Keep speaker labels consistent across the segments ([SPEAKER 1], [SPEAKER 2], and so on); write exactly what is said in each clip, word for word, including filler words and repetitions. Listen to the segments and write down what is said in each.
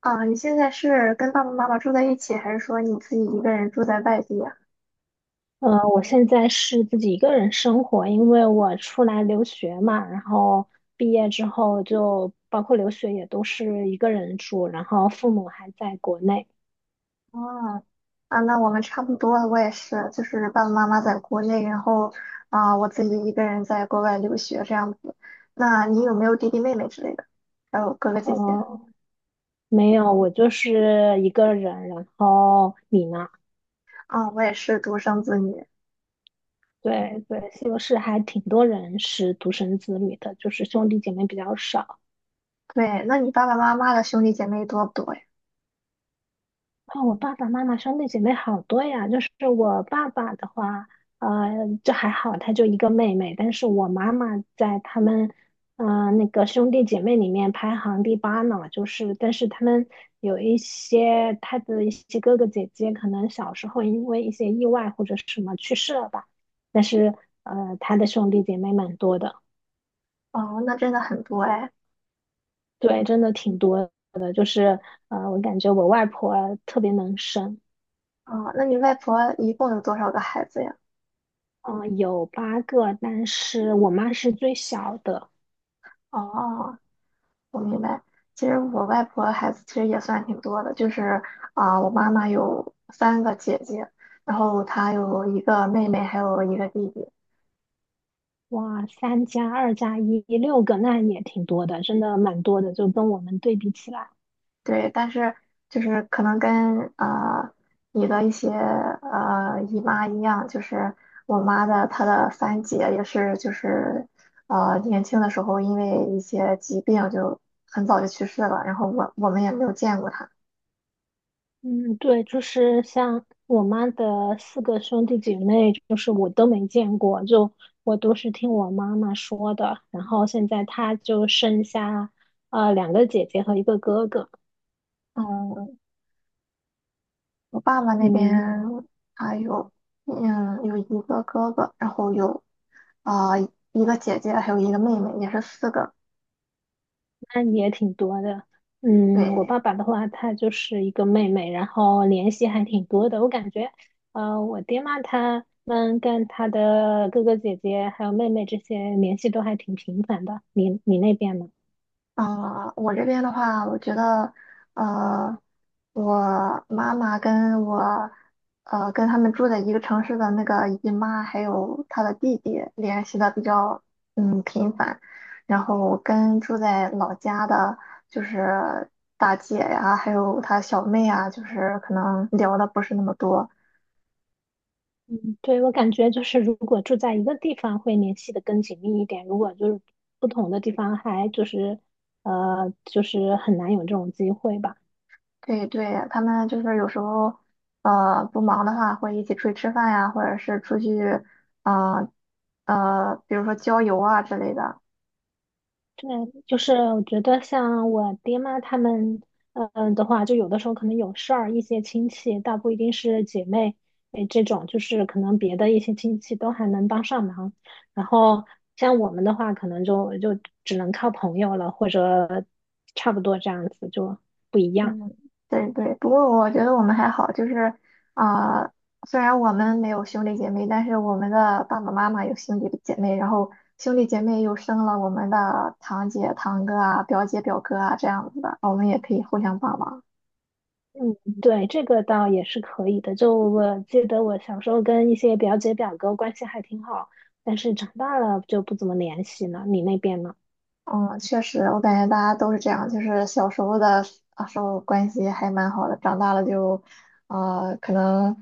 [SPEAKER 1] 啊，你现在是跟爸爸妈妈住在一起，还是说你自己一个人住在外地啊？
[SPEAKER 2] 呃，我现在是自己一个人生活，因为我出来留学嘛，然后毕业之后就包括留学也都是一个人住，然后父母还在国内。
[SPEAKER 1] 哦，啊，那我们差不多，我也是，就是爸爸妈妈在国内，然后啊，我自己一个人在国外留学这样子。那你有没有弟弟妹妹之类的？还有哥哥姐姐？
[SPEAKER 2] 呃，没有，我就是一个人。然后你呢？
[SPEAKER 1] 啊，我也是独生子女。
[SPEAKER 2] 对对，西欧是还挺多人是独生子女的，就是兄弟姐妹比较少。
[SPEAKER 1] 对，那你爸爸妈妈的兄弟姐妹多不多呀？
[SPEAKER 2] 哦，我爸爸妈妈兄弟姐妹好多呀。就是我爸爸的话，呃，就还好，他就一个妹妹。但是我妈妈在他们，呃，那个兄弟姐妹里面排行第八呢。就是，但是他们有一些他的一些哥哥姐姐，可能小时候因为一些意外或者什么去世了吧。但是，呃，他的兄弟姐妹蛮多的。
[SPEAKER 1] 哦，那真的很多哎。
[SPEAKER 2] 对，真的挺多的。就是，呃，我感觉我外婆特别能生。
[SPEAKER 1] 哦，那你外婆一共有多少个孩子呀？
[SPEAKER 2] 嗯、呃有八个，但是我妈是最小的。
[SPEAKER 1] 哦，我明白。其实我外婆孩子其实也算挺多的，就是啊、我妈妈有三个姐姐，然后她有一个妹妹，还有一个弟弟。
[SPEAKER 2] 哇，三加二加一，六个，那也挺多的，真的蛮多的，就跟我们对比起来。
[SPEAKER 1] 对，但是就是可能跟啊、你的一些呃姨妈一样，就是我妈的她的三姐也是就是呃年轻的时候因为一些疾病就很早就去世了，然后我我们也没有见过她。
[SPEAKER 2] 嗯，对，就是像我妈的四个兄弟姐妹，就是我都没见过，就我都是听我妈妈说的。然后现在她就剩下呃两个姐姐和一个哥哥。
[SPEAKER 1] 嗯。我爸爸那边
[SPEAKER 2] 嗯，
[SPEAKER 1] 他有，嗯，有一个哥哥，然后有啊、一个姐姐，还有一个妹妹，也是四个。
[SPEAKER 2] 那你也挺多的。嗯，我
[SPEAKER 1] 对，
[SPEAKER 2] 爸爸的话，他就是一个妹妹，然后联系还挺多的。我感觉，呃，我爹妈他们跟他的哥哥姐姐还有妹妹这些联系都还挺频繁的。你你那边呢？
[SPEAKER 1] 呃，我这边的话，我觉得，呃，我妈妈跟我，呃，跟他们住在一个城市的那个姨妈，还有她的弟弟联系的比较，嗯，频繁。然后跟住在老家的，就是大姐呀，还有她小妹啊，就是可能聊的不是那么多。
[SPEAKER 2] 嗯，对，我感觉就是如果住在一个地方会联系的更紧密一点，如果就是不同的地方还就是呃就是很难有这种机会吧。
[SPEAKER 1] 对对，他们就是有时候，呃，不忙的话会一起出去吃饭呀，或者是出去，呃呃，比如说郊游啊之类的。
[SPEAKER 2] 对，就是我觉得像我爹妈他们，嗯的话，就有的时候可能有事儿，一些亲戚，倒不一定是姐妹，哎，这种就是可能别的一些亲戚都还能帮上忙。然后像我们的话，可能就就只能靠朋友了，或者差不多这样子就不一样。
[SPEAKER 1] 嗯，对对。不过我觉得我们还好，就是，啊、呃虽然我们没有兄弟姐妹，但是我们的爸爸妈妈有兄弟姐妹，然后兄弟姐妹又生了我们的堂姐、堂哥啊、表姐、表哥啊这样子的，我们也可以互相帮忙。
[SPEAKER 2] 嗯，对，这个倒也是可以的。就我记得我小时候跟一些表姐表哥关系还挺好，但是长大了就不怎么联系了。你那边呢？
[SPEAKER 1] 嗯，确实，我感觉大家都是这样，就是小时候的啊时候关系还蛮好的，长大了就，呃，可能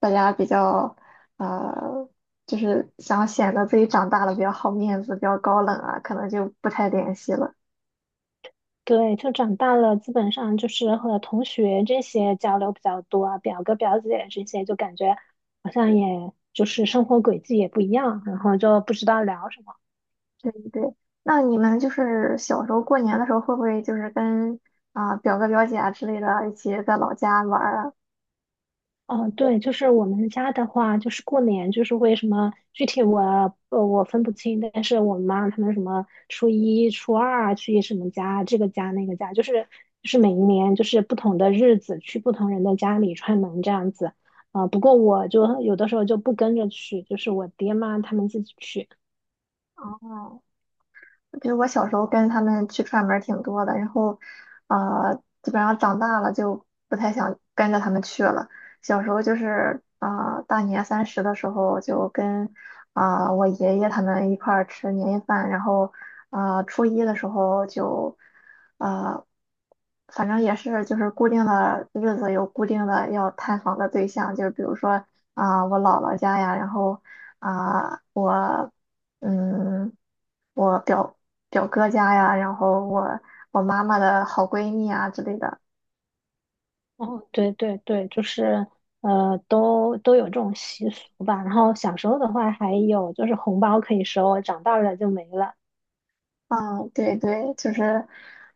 [SPEAKER 1] 大家比较，呃，就是想显得自己长大了比较好面子，比较高冷啊，可能就不太联系了。
[SPEAKER 2] 对，就长大了，基本上就是和同学这些交流比较多啊，表哥表姐啊这些，就感觉好像也就是生活轨迹也不一样，然后就不知道聊什么。
[SPEAKER 1] 对对，那你们就是小时候过年的时候，会不会就是跟啊、表哥表姐啊之类的一起在老家玩儿啊？
[SPEAKER 2] 哦，对，就是我们家的话，就是过年就是为什么具体我呃我分不清，但是我妈他们什么初一、初二啊去什么家，这个家那个家，就是就是每一年就是不同的日子去不同人的家里串门这样子。啊，不过我就有的时候就不跟着去，就是我爹妈他们自己去。
[SPEAKER 1] 哦，比如我小时候跟他们去串门儿挺多的，然后，呃，基本上长大了就不太想跟着他们去了。小时候就是啊、呃大年三十的时候就跟啊、呃我爷爷他们一块儿吃年夜饭，然后啊、呃初一的时候就呃，反正也是就是固定的日子有固定的要探访的对象，就是比如说啊、我姥姥家呀，然后啊、我嗯。我表表哥家呀，然后我我妈妈的好闺蜜啊之类的。
[SPEAKER 2] 哦，对对对，就是呃，都都有这种习俗吧。然后小时候的话，还有就是红包可以收，长大了就没了。
[SPEAKER 1] 嗯，对对，就是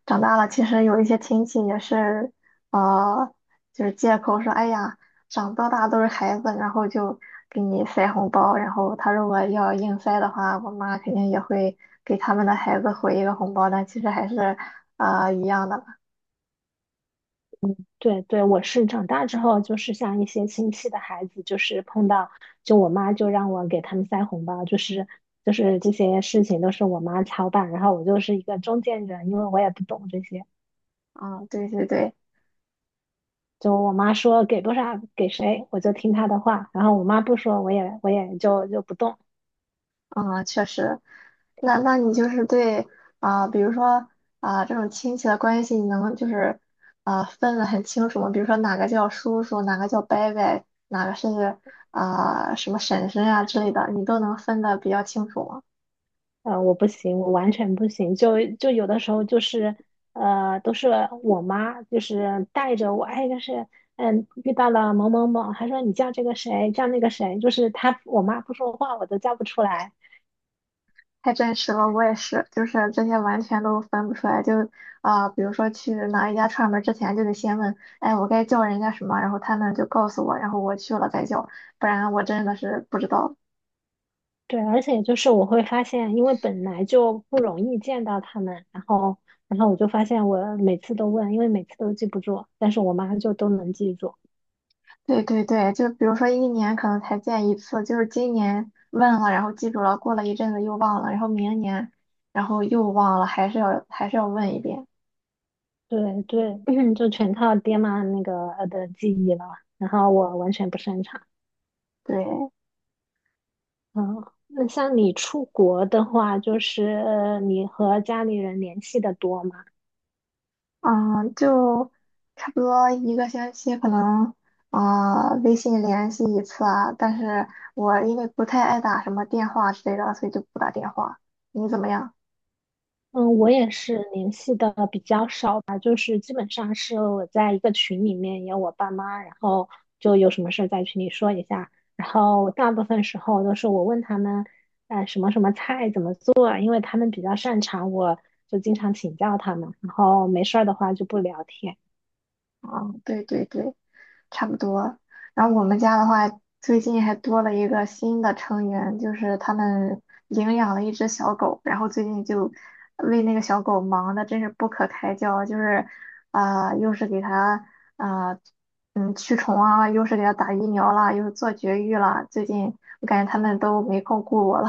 [SPEAKER 1] 长大了，其实有一些亲戚也是，呃，就是借口说，哎呀，长到大都是孩子，然后就给你塞红包，然后他如果要硬塞的话，我妈肯定也会给他们的孩子回一个红包，但其实还是，呃，一样的。
[SPEAKER 2] 对对，我是长大之后，就是像一些亲戚的孩子，就是碰到，就我妈就让我给他们塞红包，就是就是这些事情都是我妈操办，然后我就是一个中间人，因为我也不懂这些，
[SPEAKER 1] 嗯，对对对。
[SPEAKER 2] 就我妈说给多少给谁，我就听她的话，然后我妈不说，我也我也就就不动。
[SPEAKER 1] 嗯，确实，那那你就是对啊、比如说啊、这种亲戚的关系，你能就是啊、分的很清楚吗？比如说哪个叫叔叔，哪个叫伯伯，哪个是啊、什么婶婶呀、之类的，你都能分的比较清楚吗？
[SPEAKER 2] 呃，我不行，我完全不行。就就有的时候就是，呃，都是我妈就是带着我，哎，就是嗯，遇到了某某某，还说你叫这个谁，叫那个谁，就是她我妈不说话，我都叫不出来。
[SPEAKER 1] 太真实了，我也是，就是这些完全都分不出来。就啊、比如说去哪一家串门儿之前，就得先问，哎，我该叫人家什么，然后他们就告诉我，然后我去了再叫，不然我真的是不知道。
[SPEAKER 2] 对，而且就是我会发现，因为本来就不容易见到他们，然后然后我就发现我每次都问，因为每次都记不住，但是我妈就都能记住。
[SPEAKER 1] 对对对，就比如说一年可能才见一次，就是今年问了，然后记住了，过了一阵子又忘了，然后明年，然后又忘了，还是要还是要问一遍。
[SPEAKER 2] 对对，就全靠爹妈那个呃的记忆了，然后我完全不擅长。
[SPEAKER 1] 对，
[SPEAKER 2] 嗯，那像你出国的话，就是呃你和家里人联系的多吗？
[SPEAKER 1] 嗯，就差不多一个星期可能啊、呃微信联系一次啊，但是我因为不太爱打什么电话之类的，所以就不打电话。你怎么样？
[SPEAKER 2] 嗯，我也是联系的比较少吧，就是基本上是我在一个群里面有我爸妈，然后就有什么事在群里说一下，然后大部分时候都是我问他们，呃，什么什么菜怎么做啊，因为他们比较擅长，我就经常请教他们，然后没事儿的话就不聊天。
[SPEAKER 1] 嗯，对对对。差不多。然后我们家的话，最近还多了一个新的成员，就是他们领养了一只小狗，然后最近就为那个小狗忙的真是不可开交，就是啊、又是给它啊、嗯驱虫啊，又是给它打疫苗啦，又是做绝育啦。最近我感觉他们都没空顾我了。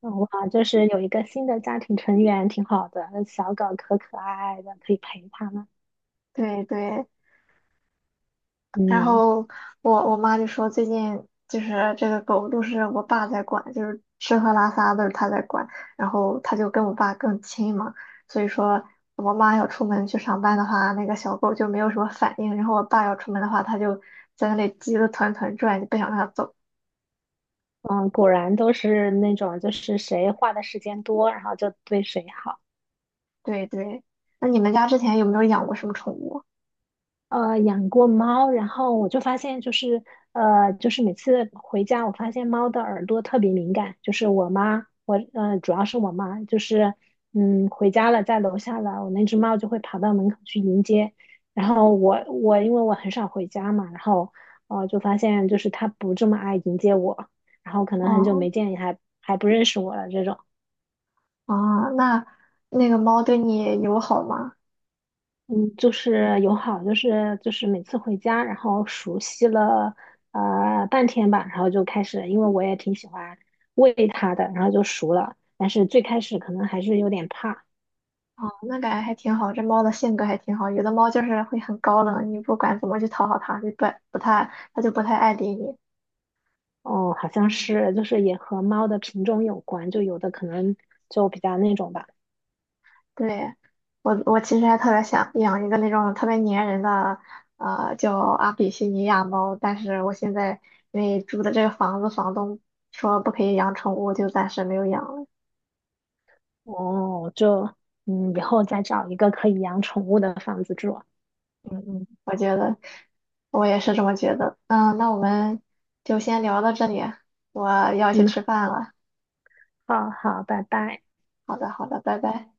[SPEAKER 2] 嗯哇，就是有一个新的家庭成员，挺好的。那小狗可可爱爱的，可以陪它们。
[SPEAKER 1] 对对，然
[SPEAKER 2] 嗯
[SPEAKER 1] 后我我妈就说最近就是这个狗都是我爸在管，就是吃喝拉撒都是他在管，然后他就跟我爸更亲嘛，所以说我妈要出门去上班的话，那个小狗就没有什么反应，然后我爸要出门的话，它就在那里急得团团转，就不想让它走。
[SPEAKER 2] 嗯，果然都是那种，就是谁花的时间多，然后就对谁好。
[SPEAKER 1] 对对，那你们家之前有没有养过什么宠物？
[SPEAKER 2] 呃养过猫，然后我就发现就是呃就是每次回家，我发现猫的耳朵特别敏感，就是我妈，我呃主要是我妈，就是嗯回家了，在楼下了，我那只猫就会跑到门口去迎接，然后我我因为我很少回家嘛，然后呃就发现就是它不这么爱迎接我，然后可能很久
[SPEAKER 1] 哦
[SPEAKER 2] 没见，也还还不认识我了这种。
[SPEAKER 1] 哦，那那个猫对你友好吗？
[SPEAKER 2] 嗯，就是友好，就是就是每次回家，然后熟悉了呃半天吧，然后就开始，因为我也挺喜欢喂它的，然后就熟了。但是最开始可能还是有点怕。
[SPEAKER 1] 哦，那感觉还挺好，这猫的性格还挺好。有的猫就是会很高冷，你不管怎么去讨好它，就不不太，它就不太爱理你。
[SPEAKER 2] 哦，好像是就是也和猫的品种有关，就有的可能就比较那种吧。
[SPEAKER 1] 对，我我其实还特别想养一个那种特别粘人的，呃，叫阿比西尼亚猫，但是我现在因为住的这个房子，房东说不可以养宠物，就暂时没有养了。
[SPEAKER 2] 哦，就嗯，以后再找一个可以养宠物的房子住。
[SPEAKER 1] 嗯嗯，我觉得我也是这么觉得。嗯，那我们就先聊到这里，我要去
[SPEAKER 2] 嗯，
[SPEAKER 1] 吃饭了。
[SPEAKER 2] 好好，拜拜。
[SPEAKER 1] 好的，好的，拜拜。